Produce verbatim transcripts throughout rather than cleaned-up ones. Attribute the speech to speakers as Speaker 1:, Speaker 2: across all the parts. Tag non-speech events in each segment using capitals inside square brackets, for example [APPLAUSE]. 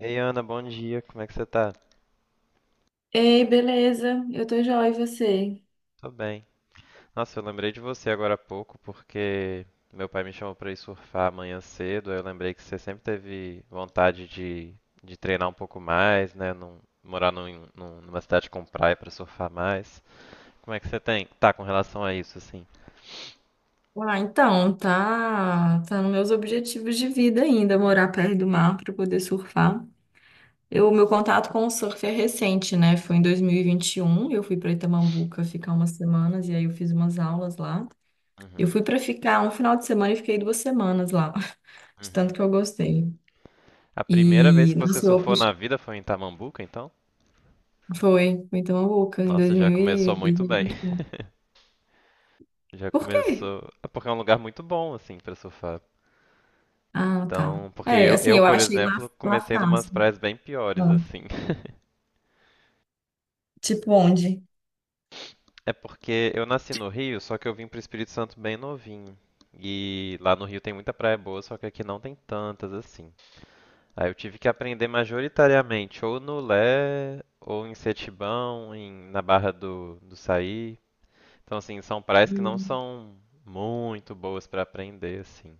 Speaker 1: Ei, Ana, bom dia. Como é que você tá?
Speaker 2: Ei, beleza? Eu tô joia, e você?
Speaker 1: Tô bem. Nossa, eu lembrei de você agora há pouco porque meu pai me chamou pra ir surfar amanhã cedo. Aí eu lembrei que você sempre teve vontade de, de treinar um pouco mais, né? Num, morar num, num- numa cidade com praia pra surfar mais. Como é que você tem, tá com relação a isso, assim?
Speaker 2: Ah, então, tá, tá nos meus objetivos de vida ainda, morar perto do mar para poder surfar. Eu, meu contato com o surf é recente, né? Foi em dois mil e e vinte e um. Eu fui para Itamambuca ficar umas semanas e aí eu fiz umas aulas lá. Eu
Speaker 1: Uhum,
Speaker 2: fui para ficar um final de semana e fiquei duas semanas lá, [LAUGHS] de tanto
Speaker 1: uhum.
Speaker 2: que eu gostei.
Speaker 1: A primeira vez
Speaker 2: E,
Speaker 1: que você
Speaker 2: nossa, eu, foi,
Speaker 1: surfou na vida foi em Tamambuca, então?
Speaker 2: foi em Itamambuca em dois
Speaker 1: Nossa, já
Speaker 2: mil e
Speaker 1: começou
Speaker 2: dois
Speaker 1: muito
Speaker 2: mil e
Speaker 1: bem.
Speaker 2: vinte e um.
Speaker 1: [LAUGHS] Já
Speaker 2: Por quê?
Speaker 1: começou. É. Porque é um lugar muito bom, assim, pra surfar.
Speaker 2: Ah, tá.
Speaker 1: Então, porque
Speaker 2: É,
Speaker 1: eu,
Speaker 2: assim,
Speaker 1: eu,
Speaker 2: eu
Speaker 1: por
Speaker 2: achei lá,
Speaker 1: exemplo,
Speaker 2: lá
Speaker 1: comecei numas
Speaker 2: fácil.
Speaker 1: praias bem piores,
Speaker 2: Ah,
Speaker 1: assim. [LAUGHS]
Speaker 2: Tipo onde?
Speaker 1: É porque eu nasci no Rio, só que eu vim pro Espírito Santo bem novinho. E lá no Rio tem muita praia boa, só que aqui não tem tantas assim. Aí eu tive que aprender majoritariamente ou no Lé, ou em Setibão, em- na Barra do, do Saí. Então, assim, são praias que não
Speaker 2: Hum.
Speaker 1: são muito boas pra aprender, assim.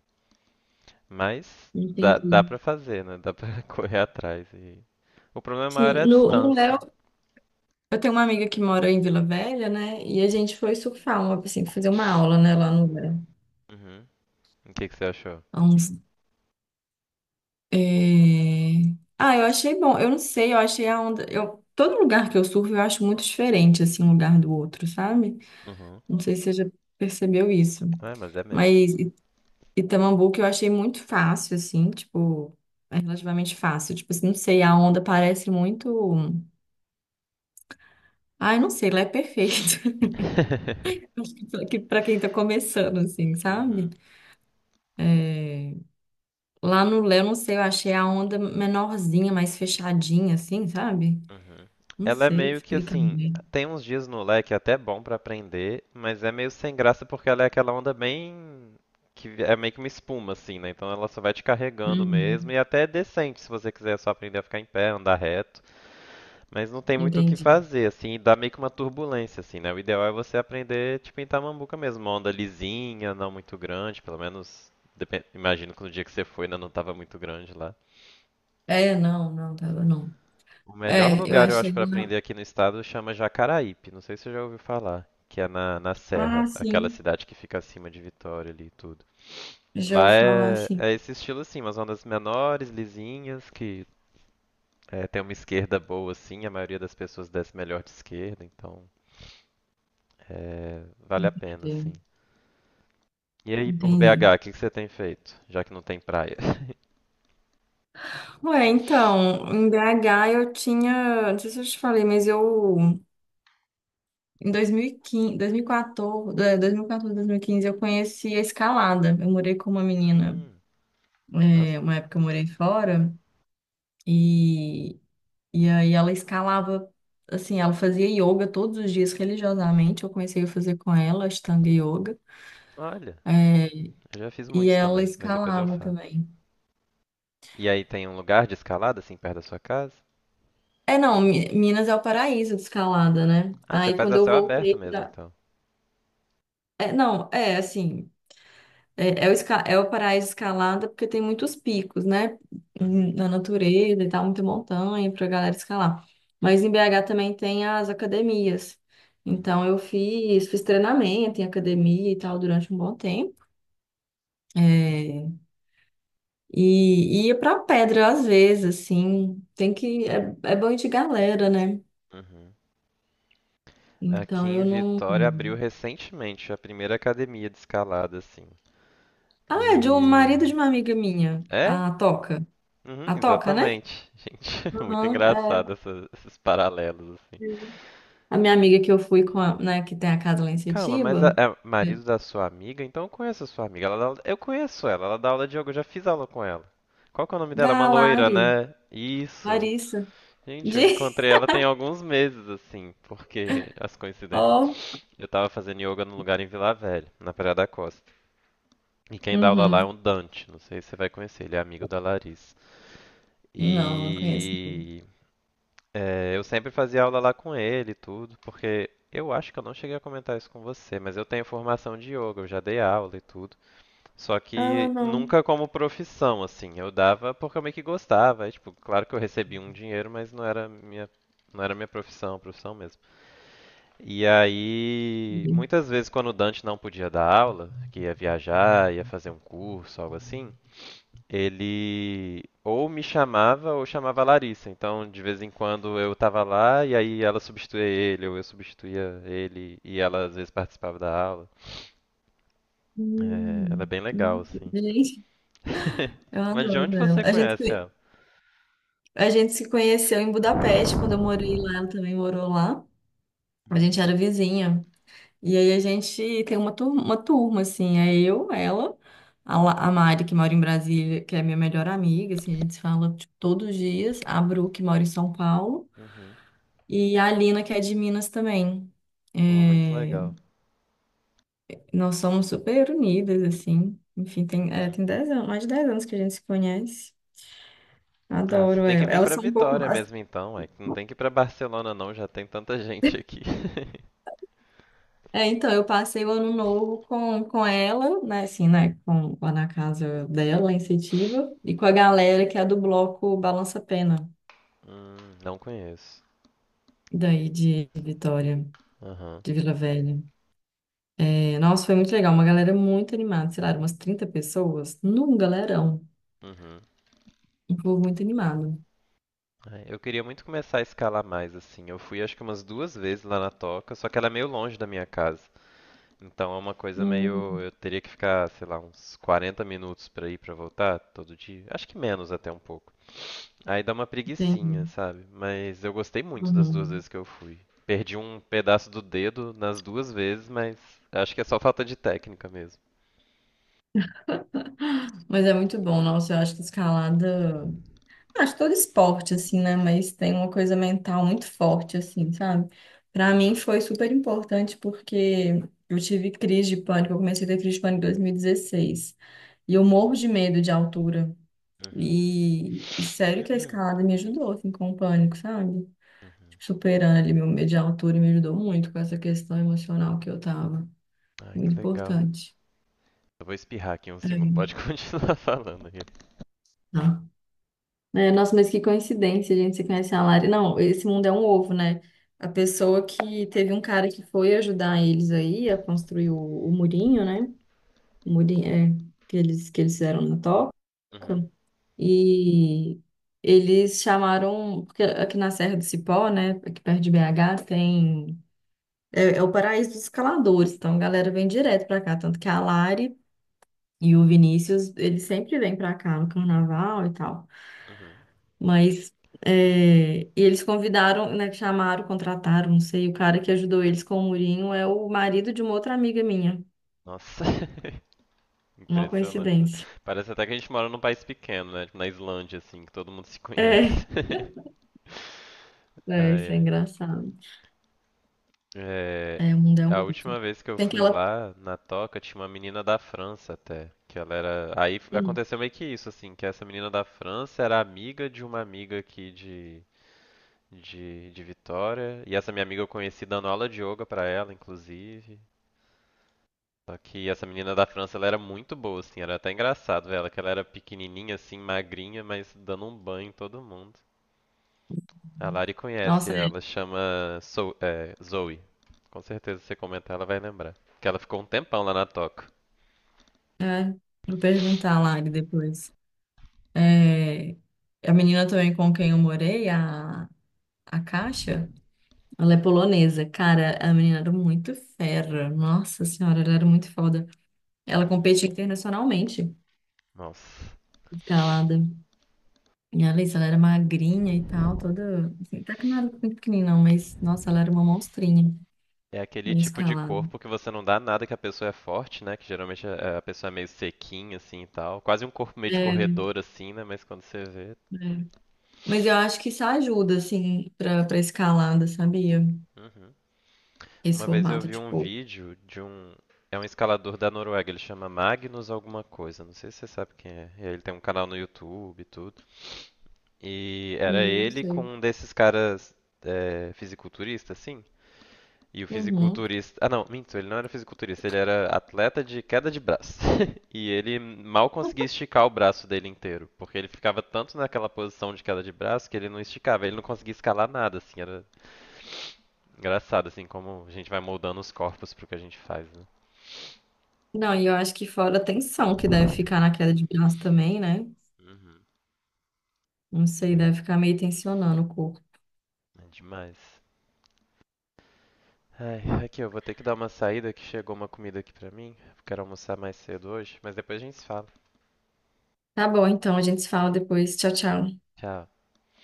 Speaker 1: Mas dá, dá
Speaker 2: Entendi.
Speaker 1: pra fazer, né? Dá pra [LAUGHS] correr atrás. O problema maior
Speaker 2: Sim,
Speaker 1: é a
Speaker 2: no, no
Speaker 1: distância.
Speaker 2: Léo, eu tenho uma amiga que mora em Vila Velha, né? E a gente foi surfar, uma, assim, fazer uma aula, né, lá no Léo.
Speaker 1: Uhum. O que que você achou?
Speaker 2: Há uns- é, Ah, eu achei bom. Eu não sei, eu achei a onda. Eu... Todo lugar que eu surfo eu acho muito diferente, assim, um lugar do outro, sabe?
Speaker 1: Uhum.
Speaker 2: Não sei se você já percebeu isso.
Speaker 1: É, mas é mesmo.
Speaker 2: Mas I- Itamambuca eu achei muito fácil, assim, tipo, é relativamente fácil. Tipo assim, não sei, a onda parece muito. Ai, não sei, lá é perfeito. [LAUGHS]
Speaker 1: [LAUGHS]
Speaker 2: Acho que pra que- pra quem tá começando, assim, sabe?
Speaker 1: Uhum.
Speaker 2: É, Lá no Léo, não sei, eu achei a onda menorzinha, mais fechadinha, assim, sabe?
Speaker 1: Uhum.
Speaker 2: Não
Speaker 1: Ela é
Speaker 2: sei
Speaker 1: meio que
Speaker 2: explicar
Speaker 1: assim,
Speaker 2: bem.
Speaker 1: tem uns dias no Lé que é até bom pra aprender, mas é meio sem graça porque ela é aquela onda bem que é meio que uma espuma assim, né? Então ela só vai te carregando mesmo
Speaker 2: Uhum,
Speaker 1: e até é decente se você quiser só aprender a ficar em pé, andar reto. Mas não tem muito o que
Speaker 2: entendi.
Speaker 1: fazer, assim, dá meio que uma turbulência, assim, né? O ideal é você aprender, tipo, em Tamambuca mesmo, uma onda lisinha, não muito grande, pelo menos, depen- imagino que no dia que você foi ainda não estava muito grande lá.
Speaker 2: É, não, não, tava não.
Speaker 1: O melhor
Speaker 2: É, eu
Speaker 1: lugar, eu
Speaker 2: achei
Speaker 1: acho, para
Speaker 2: lá.
Speaker 1: aprender aqui no estado chama Jacaraípe, não sei se você já ouviu falar, que é na, na Serra,
Speaker 2: Ah,
Speaker 1: aquela
Speaker 2: sim.
Speaker 1: cidade que fica acima de Vitória ali e tudo.
Speaker 2: Já
Speaker 1: Lá
Speaker 2: ouvi falar
Speaker 1: é,
Speaker 2: assim.
Speaker 1: é esse estilo, assim, umas ondas menores, lisinhas, que é, tem uma esquerda boa, assim, a maioria das pessoas desce melhor de esquerda, então... É, vale a pena, sim.
Speaker 2: Entendi.
Speaker 1: E aí, por
Speaker 2: Entendi.
Speaker 1: B agá, o que que você tem feito? Já que não tem praia. [LAUGHS]
Speaker 2: Ué, então, em B H eu tinha. Não sei se eu te falei, mas eu. Em dois mil e quinze, dois mil e quatorze, é, dois mil e quatorze, dois mil e quinze, eu conheci a escalada. Eu morei com uma menina,
Speaker 1: Hum, nossa.
Speaker 2: é, uma época eu morei fora, e, e aí ela escalava, assim, ela fazia yoga todos os dias religiosamente. Eu comecei a fazer com ela, Ashtanga Yoga,
Speaker 1: Olha,
Speaker 2: é,
Speaker 1: eu já fiz
Speaker 2: e
Speaker 1: muitos
Speaker 2: ela
Speaker 1: também, mas depois eu
Speaker 2: escalava
Speaker 1: falo.
Speaker 2: também.
Speaker 1: E aí tem um lugar de escalada, assim, perto da sua casa?
Speaker 2: É, não, Mi- Minas é o paraíso de escalada, né?
Speaker 1: Ah, você
Speaker 2: Aí
Speaker 1: faz
Speaker 2: quando
Speaker 1: a
Speaker 2: eu
Speaker 1: céu aberto
Speaker 2: voltei
Speaker 1: mesmo,
Speaker 2: pra.
Speaker 1: então.
Speaker 2: É, não, é assim. É, é o, esca- é o paraíso escalada porque tem muitos picos, né?
Speaker 1: Uhum,
Speaker 2: Na natureza e tal, muita montanha pra galera escalar. Mas em B H também tem as academias. Então
Speaker 1: uhum,
Speaker 2: eu fiz, fiz treinamento em academia e tal durante um bom tempo. É, e e ia pra pedra às vezes, assim. Tem que. É, é bom ir de galera, né?
Speaker 1: uhum. Aqui
Speaker 2: Então
Speaker 1: em
Speaker 2: eu não.
Speaker 1: Vitória abriu recentemente a primeira academia de escalada, assim.
Speaker 2: Ah, é de um
Speaker 1: E...
Speaker 2: marido de uma amiga minha,
Speaker 1: É?
Speaker 2: a Toca.
Speaker 1: Uhum,
Speaker 2: A Toca, né?
Speaker 1: exatamente. Gente, [LAUGHS] muito
Speaker 2: Aham,
Speaker 1: engraçado essa- esses paralelos.
Speaker 2: é. A minha amiga que eu fui com a, né, que tem a casa lá em
Speaker 1: Calma, mas a-
Speaker 2: Setiba,
Speaker 1: é
Speaker 2: é,
Speaker 1: marido da sua amiga? Então eu conheço a sua amiga. Ela dá aula- eu conheço ela, ela dá aula de yoga, eu já fiz aula com ela. Qual que é o nome dela? Uma
Speaker 2: da
Speaker 1: loira,
Speaker 2: Lari,
Speaker 1: né? Isso.
Speaker 2: Larissa,
Speaker 1: Gente, eu
Speaker 2: de...
Speaker 1: encontrei ela tem alguns meses, assim, porque [LAUGHS] as coincidências.
Speaker 2: [LAUGHS] Oh.
Speaker 1: Eu tava fazendo yoga num lugar em Vila Velha, na Praia da Costa. E quem dá aula lá é
Speaker 2: Uhum.
Speaker 1: um Dante, não sei se você vai conhecer, ele é amigo da Larissa.
Speaker 2: Não, não conheço.
Speaker 1: E é, eu sempre fazia aula lá com ele e tudo, porque eu acho que eu não cheguei a comentar isso com você, mas eu tenho formação de yoga, eu já dei aula e tudo. Só
Speaker 2: Ah,
Speaker 1: que
Speaker 2: não.
Speaker 1: nunca como profissão, assim. Eu dava porque eu meio que gostava. Aí, tipo, claro que eu recebia um dinheiro, mas não era minha, não era minha profissão, profissão mesmo. E aí, muitas vezes quando o Dante não podia dar aula, que ia viajar, ia fazer um curso, algo assim, ele ou me chamava ou chamava a Larissa. Então, de vez em quando eu tava lá e aí ela substituía ele, ou eu substituía ele, e ela às vezes participava da aula. É, ela é
Speaker 2: Hum,
Speaker 1: bem
Speaker 2: não.
Speaker 1: legal, assim.
Speaker 2: Gente,
Speaker 1: [LAUGHS]
Speaker 2: eu
Speaker 1: Mas de onde
Speaker 2: adoro ela.
Speaker 1: você
Speaker 2: A gente,
Speaker 1: conhece
Speaker 2: se-
Speaker 1: ela?
Speaker 2: a gente se conheceu em Budapeste, quando eu morei lá, ela também morou lá. A gente era
Speaker 1: Hum.
Speaker 2: vizinha. E aí a gente tem uma turma, uma turma assim, é eu, ela, a, La- a Mari, que mora em Brasília, que é minha melhor amiga, assim, a gente se fala tipo, todos os dias, a Bru, que mora em São Paulo,
Speaker 1: Uhum.
Speaker 2: e a Alina, que é de Minas também.
Speaker 1: Pô, muito
Speaker 2: É,
Speaker 1: legal.
Speaker 2: nós somos super unidas, assim, enfim, tem, é,
Speaker 1: Uhum.
Speaker 2: tem dez anos, mais de dez anos que a gente se conhece.
Speaker 1: Ah, você
Speaker 2: Adoro
Speaker 1: tem que
Speaker 2: ela.
Speaker 1: vir
Speaker 2: Elas
Speaker 1: pra
Speaker 2: são um pouco
Speaker 1: Vitória
Speaker 2: mais.
Speaker 1: mesmo então, é que não tem que ir pra Barcelona não, já tem tanta gente aqui. [LAUGHS]
Speaker 2: É, então, eu passei o ano novo com, com ela, né, assim, né, com, lá na casa dela, lá em Setiba, e com a galera que é do bloco Balança Pena,
Speaker 1: Hum, não conheço.
Speaker 2: daí de Vitória,
Speaker 1: Aham.
Speaker 2: de Vila Velha. É, nossa, foi muito legal, uma galera muito animada, sei lá, eram umas trinta pessoas, num galerão,
Speaker 1: Uhum.
Speaker 2: um povo muito animado.
Speaker 1: É, eu queria muito começar a escalar mais, assim. Eu fui acho que umas duas vezes lá na Toca, só que ela é meio longe da minha casa. Então é uma coisa meio.
Speaker 2: Hum,
Speaker 1: Eu teria que ficar, sei lá, uns quarenta minutos pra ir pra voltar todo dia. Acho que menos até um pouco. Aí dá uma
Speaker 2: entendi.
Speaker 1: preguicinha, sabe? Mas eu gostei muito das duas
Speaker 2: Uhum.
Speaker 1: vezes que eu fui. Perdi um pedaço do dedo nas duas vezes, mas acho que é só falta de técnica mesmo.
Speaker 2: Mas é muito bom, nossa, eu acho que escalada. Acho todo esporte, assim, né? Mas tem uma coisa mental muito forte, assim, sabe? Pra mim
Speaker 1: Uhum,
Speaker 2: foi super importante porque eu tive crise de pânico. Eu comecei a ter crise de pânico em dois mil e dezesseis. E dezesseis. E eu morro de medo de altura.
Speaker 1: uhum.
Speaker 2: E, e sério que a
Speaker 1: [CLEARS THROAT]
Speaker 2: escalada me ajudou, assim, com o pânico, sabe?
Speaker 1: Uhum.
Speaker 2: Tipo, superando ali meu medo de altura me ajudou muito com essa questão emocional que eu tava.
Speaker 1: Ai, que
Speaker 2: Muito
Speaker 1: legal.
Speaker 2: importante.
Speaker 1: Eu vou espirrar aqui um segundo, pode [LAUGHS] continuar falando aí.
Speaker 2: É. É, nossa, mas que coincidência, gente, você conhece a Lari. Não, esse mundo é um ovo, né? A pessoa que teve um cara que foi ajudar eles aí a construir o, o murinho, né? O murinho, é, que eles, que eles fizeram na toca.
Speaker 1: Uhum,
Speaker 2: E eles chamaram, porque aqui na Serra do Cipó, né, aqui perto de B H, tem, é, é o paraíso dos escaladores, então a galera vem direto pra cá, tanto que a Lari e o Vinícius, eles sempre vêm pra cá no carnaval e tal.
Speaker 1: uhum.
Speaker 2: Mas é, e eles convidaram, né, chamaram, contrataram, não sei, o cara que ajudou eles com o murinho é o marido de uma outra amiga minha.
Speaker 1: Nossa, [LAUGHS]
Speaker 2: Uma
Speaker 1: impressionante, né?
Speaker 2: coincidência.
Speaker 1: Parece até que a gente mora num país pequeno, né? Tipo na Islândia, assim, que todo mundo se conhece.
Speaker 2: É, [LAUGHS]
Speaker 1: [LAUGHS]
Speaker 2: é,
Speaker 1: Ai,
Speaker 2: isso é
Speaker 1: ai.
Speaker 2: engraçado.
Speaker 1: É,
Speaker 2: É, o mundo é um
Speaker 1: a última
Speaker 2: mundo.
Speaker 1: vez que eu
Speaker 2: Tem que
Speaker 1: fui
Speaker 2: ela.
Speaker 1: lá na Toca, tinha uma menina da França até, que ela era, aí f-
Speaker 2: Hum.
Speaker 1: aconteceu meio que isso assim, que essa menina da França era amiga de uma amiga aqui de de, de Vitória, e essa minha amiga eu conheci dando aula de yoga pra ela, inclusive. Só que essa menina da França, ela era muito boa assim, era até engraçado ver ela, que ela era pequenininha assim, magrinha, mas dando um banho em todo mundo. A Lari conhece
Speaker 2: Nossa, é,
Speaker 1: ela, chama So- é, Zoe. Com certeza se você comentar ela vai lembrar. Que ela ficou um tempão lá na toca.
Speaker 2: é, vou perguntar a Lari depois. É, a menina também com quem eu morei, a, a Caixa, ela é polonesa. Cara, a menina era muito fera. Nossa senhora, ela era muito foda. Ela
Speaker 1: Uhum.
Speaker 2: competia internacionalmente.
Speaker 1: Nossa.
Speaker 2: Escalada. E a Alice, ela era magrinha e tal, toda. Assim, até que não era muito pequenininha, não, mas nossa, ela era uma monstrinha
Speaker 1: É aquele
Speaker 2: em
Speaker 1: tipo de
Speaker 2: escalada.
Speaker 1: corpo que você não dá nada que a pessoa é forte, né? Que geralmente a a pessoa é meio sequinha, assim e tal. Quase um corpo meio de
Speaker 2: É,
Speaker 1: corredor, assim, né? Mas quando você vê.
Speaker 2: é. Mas eu acho que isso ajuda, assim, pra, pra escalada, sabia?
Speaker 1: Uhum.
Speaker 2: Esse
Speaker 1: Uma vez eu
Speaker 2: formato,
Speaker 1: vi um
Speaker 2: tipo.
Speaker 1: vídeo de um. É um escalador da Noruega, ele chama Magnus alguma coisa, não sei se você sabe quem é. E aí ele tem um canal no YouTube e tudo. E era
Speaker 2: Hum, eu
Speaker 1: ele com
Speaker 2: sei.
Speaker 1: um desses caras é, fisiculturista, assim. E o
Speaker 2: Uhum.
Speaker 1: fisiculturista. Ah, não, minto, ele não era fisiculturista, ele era atleta de queda de braço. [LAUGHS] E ele mal conseguia esticar o braço dele inteiro, porque ele ficava tanto naquela posição de queda de braço que ele não esticava, ele não conseguia escalar nada, assim. Era engraçado, assim, como a gente vai moldando os corpos pro que a gente faz, né?
Speaker 2: Não, e eu acho que fora a tensão que deve ficar na queda de braço também, né?
Speaker 1: Uhum.
Speaker 2: Não sei,
Speaker 1: É,
Speaker 2: deve ficar meio tensionando o corpo.
Speaker 1: é demais. Ai, aqui eu vou ter que dar uma saída que chegou uma comida aqui pra mim, porque eu quero almoçar mais cedo hoje, mas depois a gente se fala.
Speaker 2: Tá bom, então, a gente se fala depois. Tchau, tchau.
Speaker 1: Tchau.